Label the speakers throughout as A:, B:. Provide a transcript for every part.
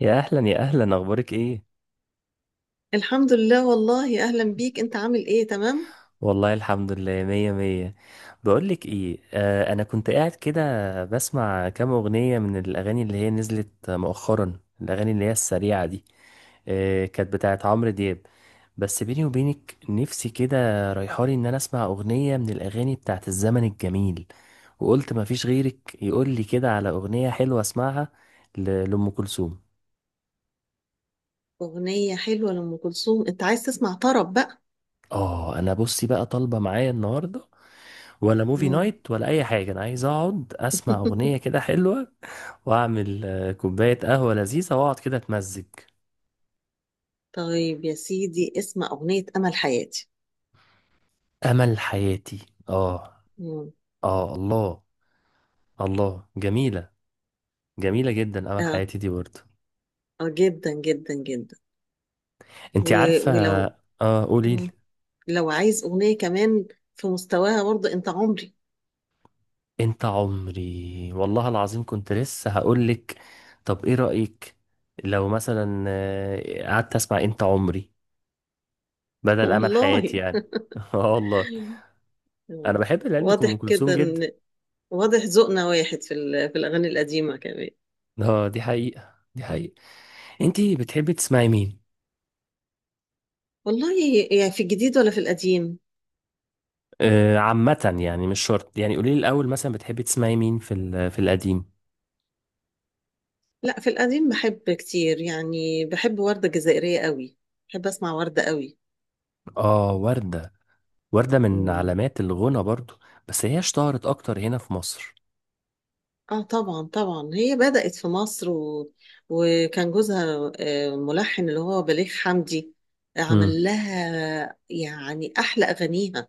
A: يا اهلا يا اهلا، اخبارك ايه؟
B: الحمد لله، والله اهلا بيك. انت عامل ايه؟ تمام.
A: والله الحمد لله مية مية. بقولك ايه، انا كنت قاعد كده بسمع كام اغنية من الاغاني اللي هي نزلت مؤخرا، الاغاني اللي هي السريعة دي. كانت بتاعت عمرو دياب. بس بيني وبينك نفسي كده رايحالي ان انا اسمع اغنية من الاغاني بتاعت الزمن الجميل، وقلت مفيش غيرك يقولي كده على اغنية حلوة اسمعها، لأم كلثوم.
B: اغنيه حلوه لام كلثوم، انت عايز تسمع طرب بقى؟
A: اه، انا بصي بقى طالبة معايا النهاردة، ولا موفي
B: مم.
A: نايت، ولا اي حاجه. انا عايز اقعد اسمع اغنيه كده حلوه واعمل كوبايه قهوه لذيذه واقعد كده اتمزج.
B: طيب يا سيدي اسمع اغنيه امل حياتي.
A: امل حياتي، اه.
B: مم.
A: اه الله. الله، جميله، جميله جدا امل
B: اه.
A: حياتي دي برضه.
B: اه جدا جدا جدا.
A: انت
B: و...
A: عارفه؟
B: ولو
A: اه، قولي لي.
B: مم. لو عايز اغنيه كمان في مستواها برضه، انت عمري.
A: انت عمري، والله العظيم كنت لسه هقول لك. طب ايه رايك لو مثلا قعدت اسمع انت عمري بدل امل
B: والله.
A: حياتي يعني؟ اه والله. انا
B: آه،
A: بحب العلم
B: واضح
A: ام كلثوم
B: كده
A: جدا.
B: ان، واضح ذوقنا واحد في الاغاني القديمه كمان.
A: اه، دي حقيقة دي حقيقة. انتي بتحبي تسمعي مين؟
B: والله، يعني في الجديد ولا في القديم؟
A: عامة يعني مش شرط، يعني قولي لي الأول مثلا بتحبي تسمعي مين في القديم؟
B: لا، في القديم بحب كتير، يعني بحب وردة جزائرية قوي، بحب أسمع وردة قوي.
A: اه، وردة. وردة من
B: مم.
A: علامات الغنى برضو. بس هي اشتهرت أكتر هنا في مصر.
B: اه طبعا طبعا، هي بدأت في مصر وكان جوزها ملحن، اللي هو بليغ حمدي،
A: امم.
B: عمل لها يعني أحلى أغانيها.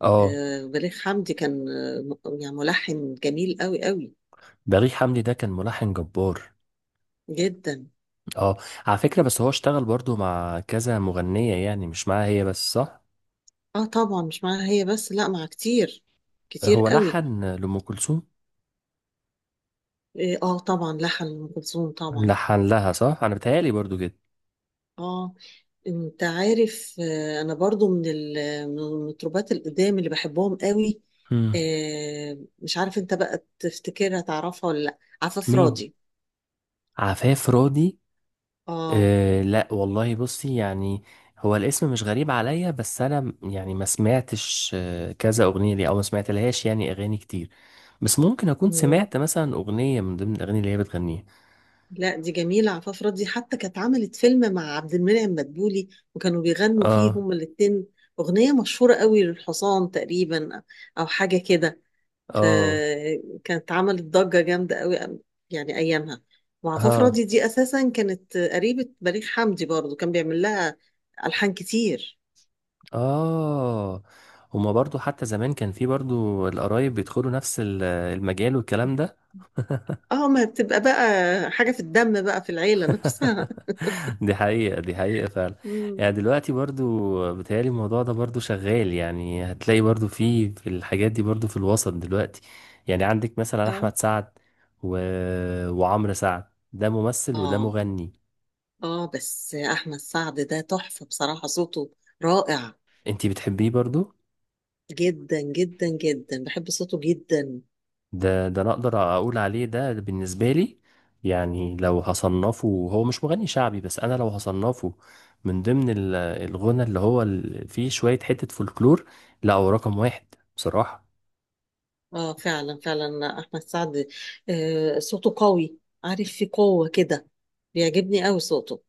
A: اه،
B: بليغ حمدي كان يعني ملحن جميل قوي قوي،
A: بليغ حمدي ده كان ملحن جبار.
B: جدا.
A: اه، على فكرة بس هو اشتغل برضو مع كذا مغنية، يعني مش معاها هي بس، صح؟
B: اه طبعا، مش معاها هي بس، لا مع كتير، كتير
A: هو
B: قوي.
A: لحن لأم كلثوم،
B: اه، طبعا لحن أم كلثوم طبعا.
A: لحن لها صح، أنا بتهيألي برضو كده.
B: اه، انت عارف، انا برضو من من المطربات القدام اللي بحبهم قوي.
A: امم.
B: مش عارف انت بقى تفتكرها، تعرفها ولا لا؟ عفاف
A: مين؟
B: راضي.
A: عفاف راضي؟
B: اه.
A: أه، لا والله، بصي يعني هو الاسم مش غريب عليا، بس انا يعني ما سمعتش كذا اغنيه ليه، او ما سمعتلهاش يعني اغاني كتير. بس ممكن اكون
B: مم.
A: سمعت مثلا اغنيه من ضمن الاغاني اللي هي بتغنيها.
B: لا دي جميلة عفاف راضي، حتى كانت عملت فيلم مع عبد المنعم مدبولي، وكانوا بيغنوا فيه
A: اه،
B: هما الاتنين أغنية مشهورة قوي للحصان تقريبا، أو حاجة كده.
A: اه،
B: آه، كانت عملت ضجة جامدة قوي يعني أيامها. وعفاف
A: اه،
B: راضي دي أساسا كانت قريبة بليغ حمدي، برضو كان بيعمل لها ألحان كتير.
A: اه. هما برضو حتى زمان كان في برضو القرايب بيدخلوا نفس المجال والكلام ده.
B: اه ما بتبقى بقى حاجة في الدم بقى، في العيلة نفسها.
A: دي حقيقة دي حقيقة فعلا.
B: مم.
A: يعني دلوقتي برضو بتهيألي الموضوع ده برضو شغال، يعني هتلاقي برضو في الحاجات دي برضو في الوسط دلوقتي. يعني عندك مثلا
B: اه
A: أحمد سعد و... وعمرو سعد. ده ممثل وده
B: اه
A: مغني.
B: اه، بس أحمد سعد ده تحفة بصراحة، صوته رائع.
A: انتي بتحبيه برضو؟
B: جدا جدا جدا بحب صوته جدا.
A: ده أنا أقدر أقول عليه، ده بالنسبة لي يعني لو هصنفه، هو مش مغني شعبي، بس أنا لو هصنفه من ضمن الغنى اللي هو فيه شوية حتة فولكلور، لا هو رقم واحد بصراحة.
B: اه فعلا فعلا، أحمد سعد آه صوته قوي، عارف في قوة كده، بيعجبني قوي صوته.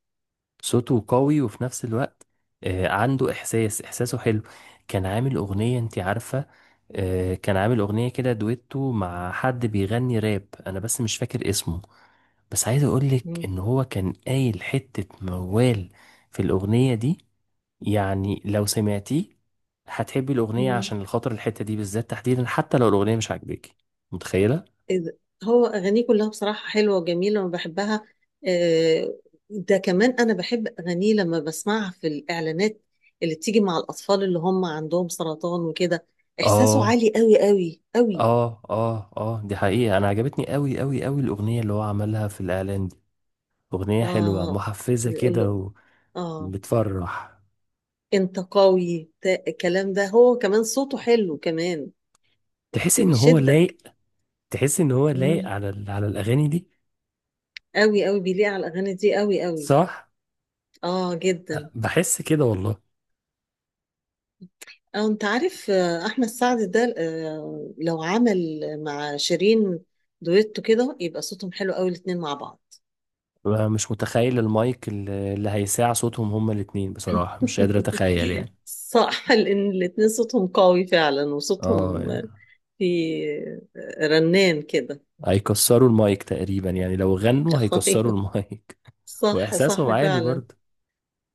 A: صوته قوي وفي نفس الوقت عنده احساس، احساسه حلو. كان عامل اغنية، انت عارفة؟ كان عامل اغنية كده دويتو مع حد بيغني راب، انا بس مش فاكر اسمه، بس عايز اقولك
B: مم.
A: ان هو كان قايل حتة موال في الاغنية دي. يعني لو سمعتيه هتحبي الاغنية
B: مم.
A: عشان الخاطر الحتة دي بالذات تحديدا، حتى لو الاغنية مش عاجباكي. متخيلة؟
B: إذ- هو أغانيه كلها بصراحة حلوة وجميلة وبحبها. آه، ده كمان أنا بحب أغانيه لما بسمعها في الإعلانات اللي بتيجي مع الأطفال اللي هم عندهم سرطان وكده، إحساسه
A: اه،
B: عالي قوي قوي قوي.
A: اه، اه، اه، دي حقيقة. انا عجبتني قوي قوي قوي الاغنية اللي هو عملها في الاعلان دي. أغنية حلوة
B: آه،
A: محفزة
B: بيقول له
A: كده
B: آه،
A: وبتفرح.
B: أنت قوي الكلام ده، هو كمان صوته حلو كمان،
A: تحس إن هو
B: فبيشدك.
A: لايق، تحس إن هو لايق
B: مم.
A: على على الأغاني دي.
B: قوي قوي بيليق على الأغاني دي قوي قوي.
A: صح،
B: آه جدا.
A: بحس كده والله.
B: أو أنت عارف، أحمد سعد ده، لو عمل مع شيرين دويتو كده، يبقى صوتهم حلو قوي الاتنين مع بعض.
A: أنا مش متخيل المايك اللي هيساع صوتهم هما الاتنين بصراحة، مش قادر أتخيل يعني.
B: صح، لأن الاتنين صوتهم قوي فعلا،
A: اه
B: وصوتهم
A: يعني
B: في رنان كده.
A: هيكسروا المايك تقريبا، يعني لو غنوا هيكسروا
B: أيوه،
A: المايك.
B: صح
A: وإحساسهم
B: صح
A: عالي
B: فعلا.
A: برضه.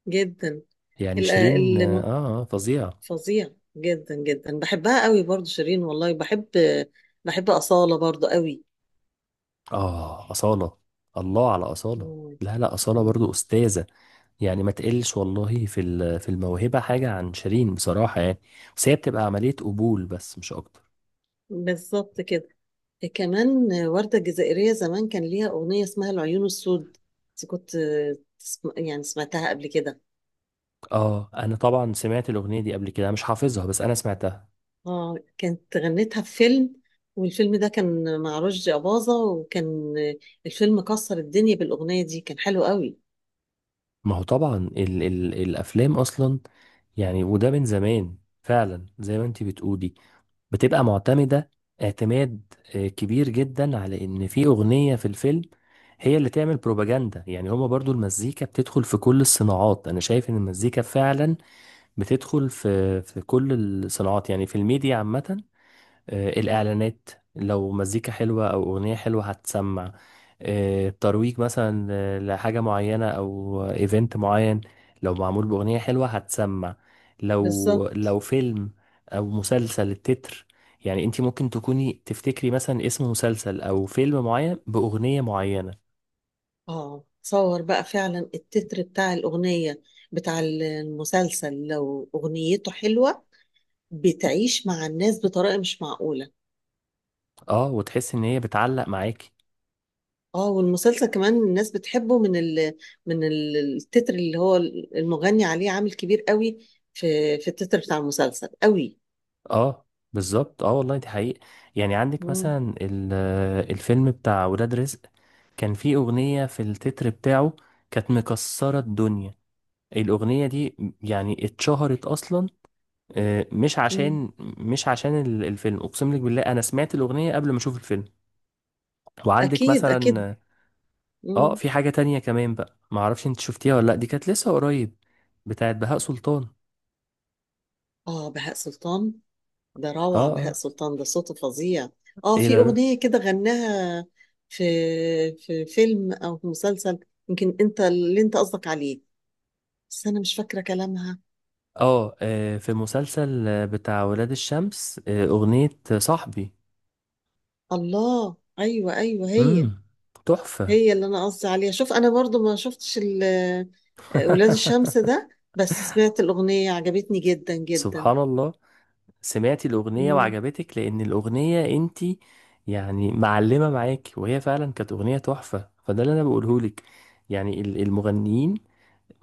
B: جدا.
A: يعني
B: ال-
A: شيرين، اه،
B: الم-
A: فظيعة.
B: فظيع، جدا جدا، بحبها قوي برضو شيرين، والله بحب، بحب أصالة برضو قوي.
A: اه، أصالة. الله على أصالة.
B: مم.
A: لا لا، أصالة برضو
B: مم.
A: أستاذة. يعني ما تقلش والله في الموهبة حاجة عن شيرين بصراحة يعني، بس هي بتبقى عملية قبول بس مش أكتر.
B: بالظبط كده. كمان وردة الجزائرية زمان كان ليها أغنية اسمها العيون السود، بس كنت يعني سمعتها قبل كده؟
A: اه، انا طبعا سمعت الاغنيه دي قبل كده، مش حافظها بس انا سمعتها.
B: اه كانت غنتها في فيلم، والفيلم ده كان مع رشدي أباظة، وكان الفيلم كسر الدنيا بالأغنية دي، كان حلو قوي.
A: ما هو طبعا ال ال الافلام اصلا، يعني وده من زمان فعلا زي ما انتي بتقولي، بتبقى معتمدة اعتماد كبير جدا على ان في اغنية في الفيلم هي اللي تعمل بروباجندا. يعني هما برضو المزيكا بتدخل في كل الصناعات، انا شايف ان المزيكا فعلا بتدخل في كل الصناعات، يعني في الميديا عامة. الإعلانات، لو مزيكا حلوة أو أغنية حلوة هتسمع. الترويج مثلا لحاجة معينة أو إيفنت معين، لو معمول بأغنية حلوة هتسمع. لو
B: بالظبط.
A: لو فيلم أو مسلسل، التتر، يعني أنت ممكن تكوني تفتكري مثلا اسم مسلسل أو فيلم معين بأغنية معينة.
B: اه تصور بقى فعلا، التتر بتاع الأغنية، بتاع المسلسل، لو أغنيته حلوة بتعيش مع الناس بطريقة مش معقولة.
A: اه، وتحس إن هي بتعلق معاكي.
B: اه والمسلسل كمان الناس بتحبه من التتر، اللي هو المغني عليه، عامل كبير قوي في في التتر بتاع المسلسل قوي.
A: اه بالظبط، اه والله دي حقيقة. يعني عندك
B: مم.
A: مثلا الفيلم بتاع ولاد رزق، كان في أغنية في التتر بتاعه كانت مكسرة الدنيا الأغنية دي. يعني اتشهرت أصلا مش عشان،
B: مم.
A: مش عشان الفيلم. أقسم لك بالله أنا سمعت الأغنية قبل ما أشوف الفيلم. وعندك
B: اكيد
A: مثلا
B: اكيد. مم.
A: في حاجة تانية كمان بقى معرفش أنت شفتيها ولا لأ، دي كانت لسه قريب، بتاعت بهاء سلطان.
B: اه بهاء سلطان، ده
A: آه
B: روعة بهاء
A: آه.
B: سلطان ده، صوته فظيع. اه
A: إيه
B: في
A: ده بقى؟
B: اغنية كده غناها في، في فيلم او في مسلسل، يمكن انت اللي انت قصدك عليه، بس انا مش فاكرة كلامها.
A: في مسلسل بتاع ولاد الشمس، أغنية صاحبي.
B: الله ايوه ايوه، هي.
A: مم. تحفة.
B: هي اللي انا قصدي عليها. شوف انا برضو ما شفتش ولاد الشمس ده، بس سمعت الاغنيه عجبتني جدا جدا.
A: سبحان الله. سمعتي الأغنية
B: مم.
A: وعجبتك لأن الأغنية انتي يعني معلمة معاكي، وهي فعلا كانت أغنية تحفة، فده اللي أنا بقولهولك. يعني المغنيين،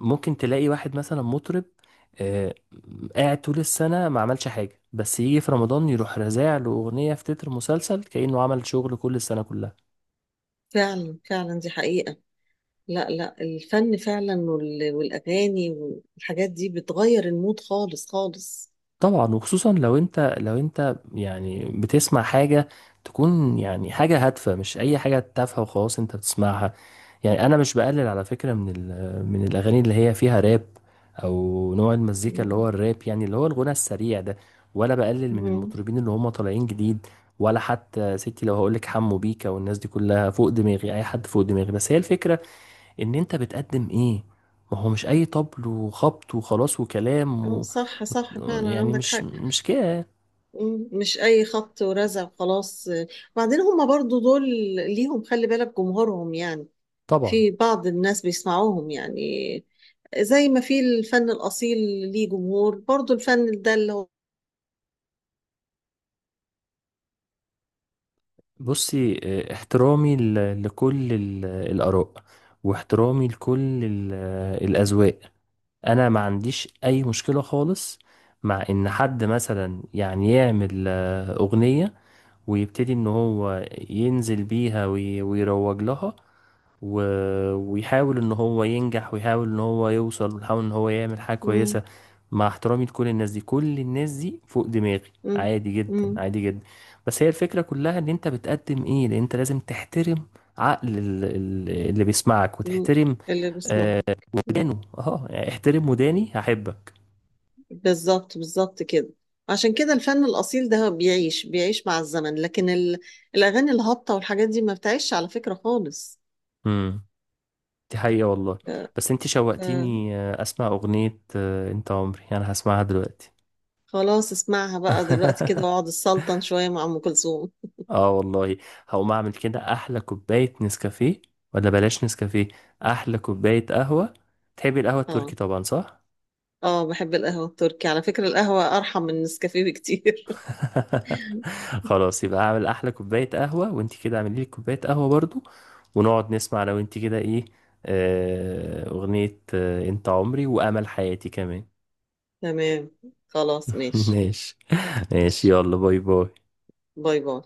A: ممكن تلاقي واحد مثلا مطرب آه قاعد طول السنة ما عملش حاجة، بس يجي في رمضان يروح رازع له أغنية في تتر مسلسل كأنه عمل شغل كل السنة كلها.
B: فعلا فعلا، دي حقيقه. لا لا، الفن فعلا والاغاني والحاجات دي بتغير المود خالص خالص.
A: طبعا، وخصوصا لو انت يعني بتسمع حاجة تكون يعني حاجة هادفة، مش أي حاجة تافهة وخلاص انت بتسمعها. يعني انا مش بقلل على فكرة من من الاغاني اللي هي فيها راب، او نوع المزيكا اللي هو
B: مم.
A: الراب، يعني اللي هو الغنى السريع ده. ولا بقلل من
B: مم.
A: المطربين اللي هم طالعين جديد. ولا حتى ستي لو هقولك حمو بيكا والناس دي كلها فوق دماغي، اي حد فوق دماغي، بس هي الفكرة ان انت بتقدم ايه. ما هو مش اي طبل وخبط وخلاص وكلام
B: اه صح صح فعلا،
A: يعني
B: عندك
A: مش
B: حق.
A: مش كده.
B: مش اي خبط ورزع خلاص. وبعدين هما برضو دول ليهم، خلي بالك، جمهورهم يعني.
A: طبعا.
B: في بعض الناس بيسمعوهم يعني، زي ما في الفن الأصيل ليه جمهور، برضو الفن ده اللي هو.
A: بصي احترامي لكل الآراء، واحترامي لكل الأذواق. أنا ما عنديش أي مشكلة خالص مع إن حد مثلا يعني يعمل أغنية ويبتدي ان هو ينزل بيها ويروج لها، و... ويحاول ان هو ينجح، ويحاول ان هو يوصل، ويحاول ان هو يعمل حاجة
B: مم.
A: كويسة. مع احترامي لكل الناس دي، كل الناس دي فوق دماغي
B: مم.
A: عادي جدا
B: مم.
A: عادي جدا. بس هي الفكرة كلها ان انت بتقدم ايه، لان انت لازم تحترم عقل اللي بيسمعك
B: مم.
A: وتحترم،
B: اللي بسمعه.
A: آه،
B: مم.
A: ودانه. اه يعني احترم وداني هحبك.
B: بالظبط بالظبط كده، عشان كده الفن الأصيل ده بيعيش، بيعيش مع الزمن، لكن ال... الأغاني الهابطة والحاجات دي ما بتعيش على فكرة خالص.
A: مم. دي حقيقة والله.
B: ف...
A: بس انت
B: ف-
A: شوقتيني اسمع اغنية انت عمري. انا هسمعها دلوقتي.
B: خلاص اسمعها بقى دلوقتي كده، واقعد السلطن شوية مع أم كلثوم.
A: اه والله، هقوم اعمل كده احلى كوباية نسكافيه، ولا بلاش نسكافيه، احلى كوباية قهوة. تحبي القهوة
B: اه.
A: التركي طبعا، صح؟
B: اه بحب القهوة التركي، على فكرة القهوة أرحم من النسكافيه بكتير.
A: خلاص يبقى اعمل احلى كوباية قهوة، وانت كده اعملي لي كوباية قهوة برضو، ونقعد نسمع لو انت كده ايه، اغنية انت عمري وامل حياتي كمان.
B: تمام، خلاص ماشي.
A: ماشي. ماشي،
B: ماشي،
A: يلا باي باي.
B: باي باي.